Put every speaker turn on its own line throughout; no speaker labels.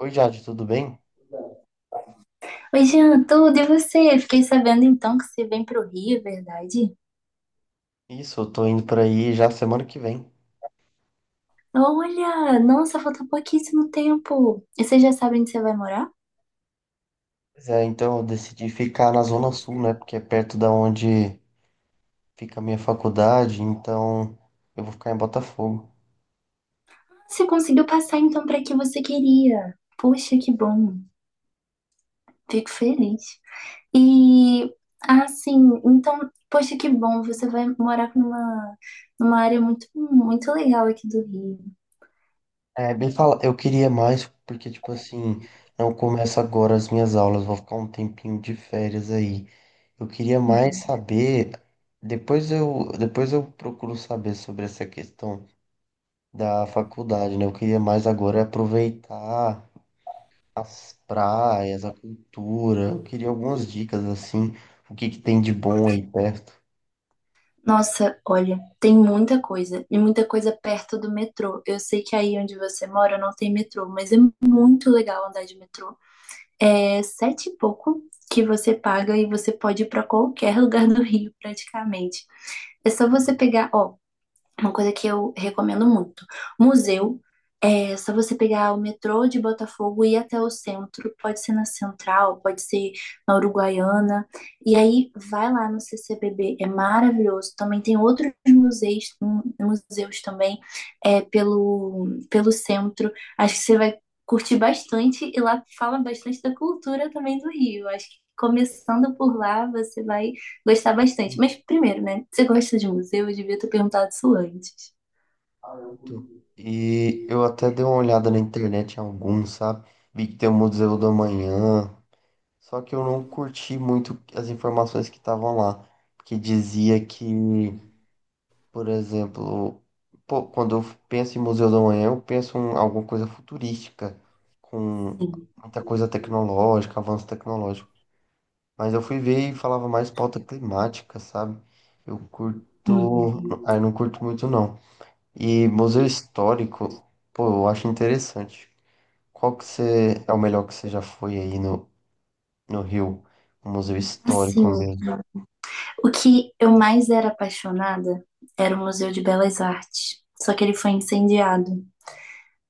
Oi, Jade, tudo bem?
Oi, Jean, tudo e você? Fiquei sabendo então que você vem pro Rio, é verdade?
Isso, eu tô indo pra aí já semana que vem.
Olha, nossa, falta pouquíssimo tempo. E você já sabe onde você vai morar?
Pois é, então eu decidi ficar na Zona Sul, né? Porque é perto da onde fica a minha faculdade, então eu vou ficar em Botafogo.
Você conseguiu passar então para que você queria. Poxa, que bom. Fico feliz. E ah, sim, então, poxa, que bom, você vai morar numa área muito muito legal aqui do Rio.
É, bem fala, eu queria mais, porque, tipo assim, não começo agora as minhas aulas, vou ficar um tempinho de férias aí. Eu queria mais saber, depois eu procuro saber sobre essa questão da faculdade, né? Eu queria mais agora aproveitar as praias, a cultura. Eu queria algumas dicas assim, o que que tem de bom aí perto.
Nossa, olha, tem muita coisa, e muita coisa perto do metrô. Eu sei que aí onde você mora não tem metrô, mas é muito legal andar de metrô. É sete e pouco que você paga e você pode ir para qualquer lugar do Rio, praticamente. É só você pegar, ó, uma coisa que eu recomendo muito. Museu, é só você pegar o metrô de Botafogo e ir até o centro. Pode ser na Central, pode ser na Uruguaiana. E aí vai lá no CCBB, é maravilhoso. Também tem outros museus, museus também é, pelo centro. Acho que você vai curtir bastante e lá fala bastante da cultura também do Rio. Acho que começando por lá, você vai gostar bastante. Mas primeiro, né? Você gosta de museu? Eu devia ter perguntado isso antes.
Muito. E eu até dei uma olhada na internet em alguns, sabe? Vi que tem o Museu do Amanhã. Só que eu não curti muito as informações que estavam lá, porque dizia que, por exemplo, pô, quando eu penso em Museu do Amanhã, eu penso em alguma coisa futurística, com
Sim.
muita coisa tecnológica, avanço tecnológico. Mas eu fui ver e falava mais pauta climática, sabe? Eu curto.
Uhum.
Ah, eu não curto muito, não. E museu histórico, pô, eu acho interessante. Qual que você é o melhor que você já foi aí no Rio? Um museu histórico
Assim,
mesmo.
o que eu mais era apaixonada era o Museu de Belas Artes. Só que ele foi incendiado.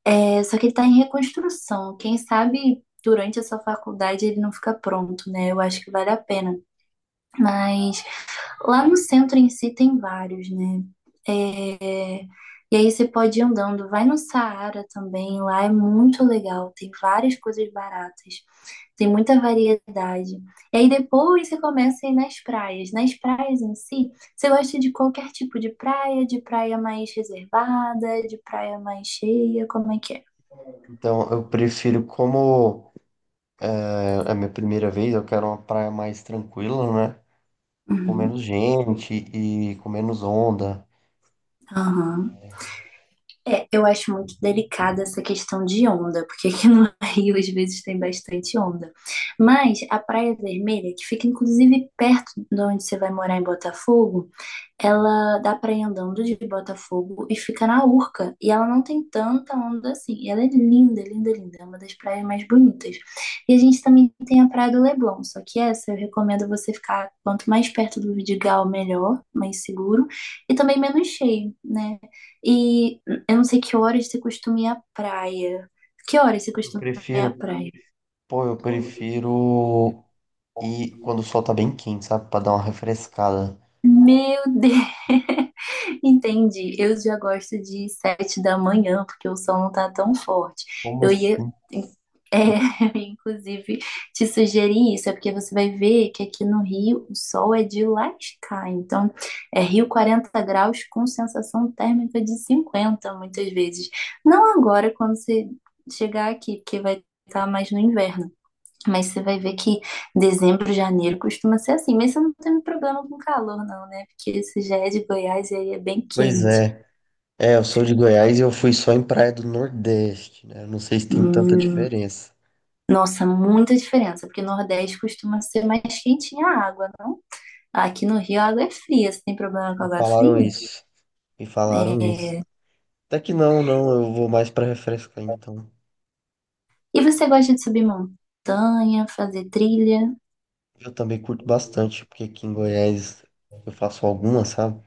É, só que ele tá em reconstrução. Quem sabe durante essa faculdade ele não fica pronto, né? Eu acho que vale a pena. Mas lá no centro em si tem vários, né? E aí você pode ir andando. Vai no Saara também, lá é muito legal. Tem várias coisas baratas. Tem muita variedade. E aí depois você começa a ir nas praias. Nas praias em si, você gosta de qualquer tipo de praia mais reservada, de praia mais cheia, como é que é?
Então, eu prefiro, como é, é a minha primeira vez, eu quero uma praia mais tranquila, né? Com
Uhum,
menos gente e com menos onda.
aham. É, eu acho muito delicada essa questão de onda, porque aqui no Rio às vezes tem bastante onda. Mas a Praia Vermelha, que fica inclusive perto de onde você vai morar em Botafogo, ela dá praia andando de Botafogo e fica na Urca. E ela não tem tanta onda assim. E ela é linda, linda, linda. É uma das praias mais bonitas. E a gente também tem a Praia do Leblon. Só que essa eu recomendo você ficar quanto mais perto do Vidigal, melhor, mais seguro. E também menos cheio, né? E eu não sei que horas você costuma ir à praia. Que horas você
Pô, eu
costuma ir à
prefiro.
praia?
Pô, eu prefiro. E quando o sol tá bem quente, sabe? Pra dar uma refrescada.
Meu Deus! Entendi. Eu já gosto de 7 da manhã, porque o sol não tá tão forte.
Como
Eu ia,
assim?
é, inclusive, te sugerir isso, é porque você vai ver que aqui no Rio o sol é de lascar. Então, é Rio 40 graus com sensação térmica de 50, muitas vezes. Não agora, quando você chegar aqui, porque vai estar mais no inverno. Mas você vai ver que dezembro, janeiro costuma ser assim. Mas você não tem problema com calor, não, né? Porque isso já é de Goiás e aí é bem
Pois
quente.
é. É, eu sou de Goiás e eu fui só em praia do Nordeste, né? Eu não sei se tem tanta
Hum,
diferença.
nossa, muita diferença, porque Nordeste costuma ser mais quentinha a água, não? Aqui no Rio a água é fria. Você tem problema com
Me
água
falaram
fria?
isso. Me falaram
É.
isso. Até que não, não. Eu vou mais pra refrescar, então.
E você gosta de subir montanha, fazer trilha?
Eu também curto bastante, porque aqui em Goiás eu faço algumas, sabe?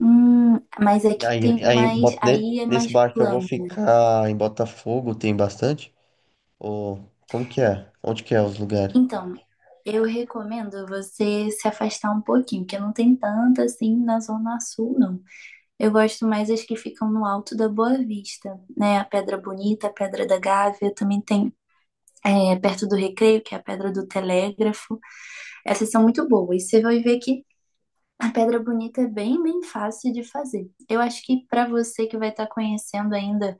Mas
E
aqui tem
aí,
mais. Aí é
nesse
mais
bar que eu vou
plano.
ficar em Botafogo, tem bastante? Ou como que é? Onde que é os lugares?
Então, eu recomendo você se afastar um pouquinho, porque não tem tanta assim na Zona Sul, não. Eu gosto mais as que ficam no alto da Boa Vista, né? A Pedra Bonita, a Pedra da Gávea, também tem é, perto do Recreio, que é a Pedra do Telégrafo. Essas são muito boas. Você vai ver que a pedra bonita é bem, bem fácil de fazer. Eu acho que para você que vai estar conhecendo ainda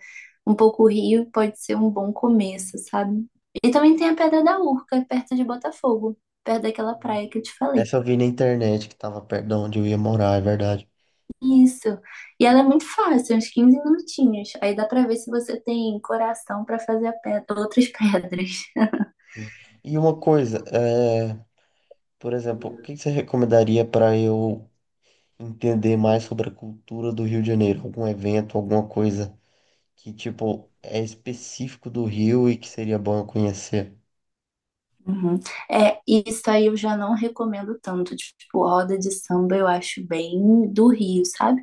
um pouco o Rio, pode ser um bom começo, sabe? E também tem a Pedra da Urca, perto de Botafogo, perto daquela praia que eu te falei.
Essa eu vi na internet que tava perto de onde eu ia morar, é verdade.
Isso. E ela é muito fácil, uns 15 minutinhos. Aí dá para ver se você tem coração para fazer a pedra, outras pedras.
Sim. E uma coisa, é, por exemplo, o que que você recomendaria para eu entender mais sobre a cultura do Rio de Janeiro? Algum evento, alguma coisa que, tipo, é específico do Rio e que seria bom eu conhecer?
Uhum. É, isso aí eu já não recomendo tanto. Tipo, roda de samba eu acho bem do Rio, sabe?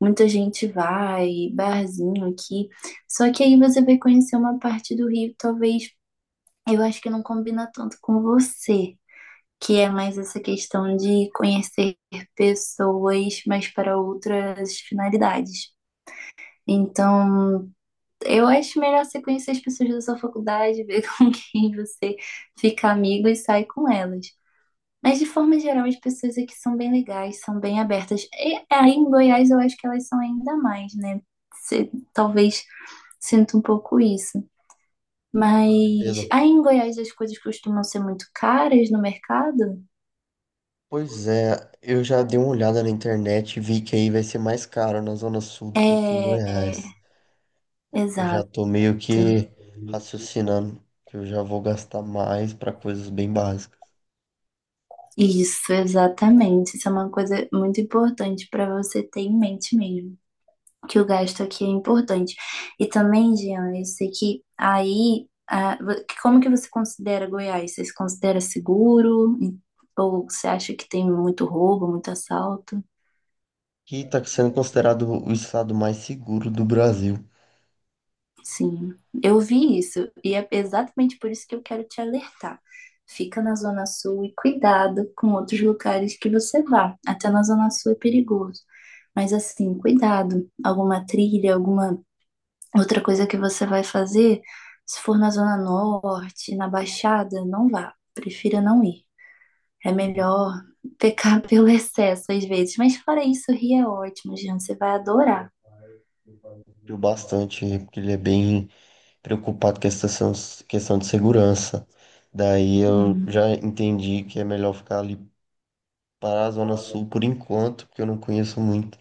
Muita gente vai, barzinho aqui. Só que aí você vai conhecer uma parte do Rio, talvez eu acho que não combina tanto com você, que é mais essa questão de conhecer pessoas, mas para outras finalidades. Então, eu acho melhor você conhecer as pessoas da sua faculdade, ver com quem você fica amigo e sai com elas. Mas de forma geral, as pessoas aqui são bem legais, são bem abertas. E aí em Goiás eu acho que elas são ainda mais, né? Talvez sinta um pouco isso. Mas
Beleza.
aí em Goiás as coisas costumam ser muito caras no mercado?
Pois é, eu já dei uma olhada na internet e vi que aí vai ser mais caro na Zona Sul do que aqui em Goiás.
É,
Eu já
exato.
tô meio que raciocinando que eu já vou gastar mais para coisas bem básicas.
Isso, exatamente. Isso é uma coisa muito importante para você ter em mente mesmo, que o gasto aqui é importante. E também, Jean, eu sei que aí, ah, como que você considera Goiás? Você se considera seguro? Ou você acha que tem muito roubo, muito assalto?
Que está sendo considerado o estado mais seguro do Brasil.
Sim, eu vi isso e é exatamente por isso que eu quero te alertar. Fica na Zona Sul e cuidado com outros lugares que você vá. Até na Zona Sul é perigoso. Mas assim, cuidado. Alguma trilha, alguma outra coisa que você vai fazer, se for na Zona Norte, na Baixada, não vá. Prefira não ir. É melhor pecar pelo excesso às vezes. Mas fora isso, Rio é ótimo, gente. Você vai adorar.
Eu bastante, porque ele é bem preocupado com essa questão de segurança. Daí eu
Uhum.
já entendi que é melhor ficar ali para a Zona Sul por enquanto, porque eu não conheço muito.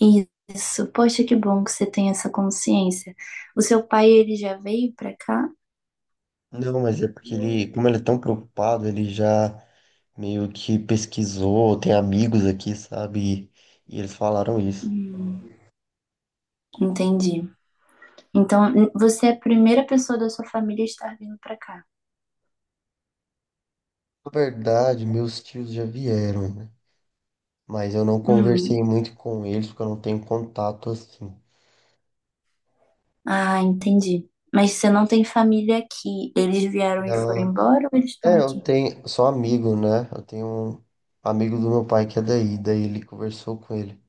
Isso. Poxa, que bom que você tem essa consciência. O seu pai, ele já veio pra cá?
Não, mas é porque ele, como ele é tão preocupado, ele já meio que pesquisou, tem amigos aqui, sabe? E eles falaram isso.
Hum, entendi. Então, você é a primeira pessoa da sua família a estar vindo pra cá.
Na verdade, meus tios já vieram, né? Mas eu não conversei
Hum,
muito com eles, porque eu não tenho contato assim.
Ah, entendi. Mas você não tem família aqui. Eles vieram e foram
Não.
embora ou eles estão
É, eu
aqui?
tenho. Sou amigo, né? Eu tenho um amigo do meu pai que é daí, daí ele conversou com ele.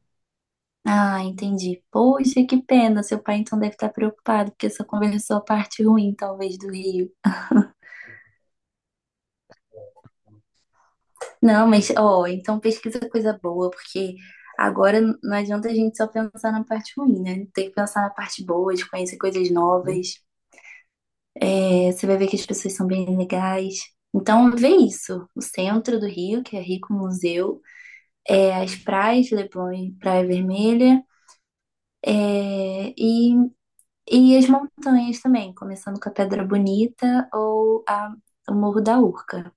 Ah, entendi. Poxa, que pena. Seu pai então deve estar preocupado, porque só conversou a parte ruim, talvez, do Rio. Não, mas, ó, então pesquisa coisa boa, porque agora não adianta a gente só pensar na parte ruim, né? Tem que pensar na parte boa, de conhecer coisas
Hum.
novas. É, você vai ver que as pessoas são bem legais. Então, vê isso. O centro do Rio, que é rico em museu, é, as praias, Leblon e Praia Vermelha. É, e as montanhas também, começando com a Pedra Bonita ou a, o Morro da Urca.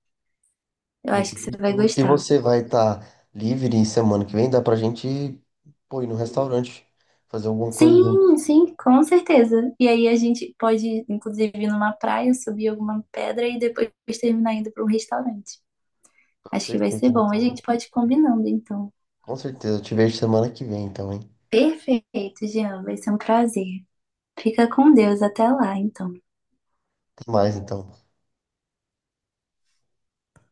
Eu acho que você vai
E
gostar.
você vai estar livre semana que vem? Dá pra gente, pô, ir no restaurante, fazer alguma coisa
Sim,
juntos.
sim, com certeza. E aí a gente pode, inclusive, ir numa praia, subir alguma pedra e depois terminar indo para um restaurante. Acho que vai
Perfeito,
ser bom. A
então, hein?
gente pode ir combinando, então.
Com certeza. Eu te vejo semana que vem, então, hein?
Perfeito, Jean. Vai ser um prazer. Fica com Deus até lá, então.
Até mais, então.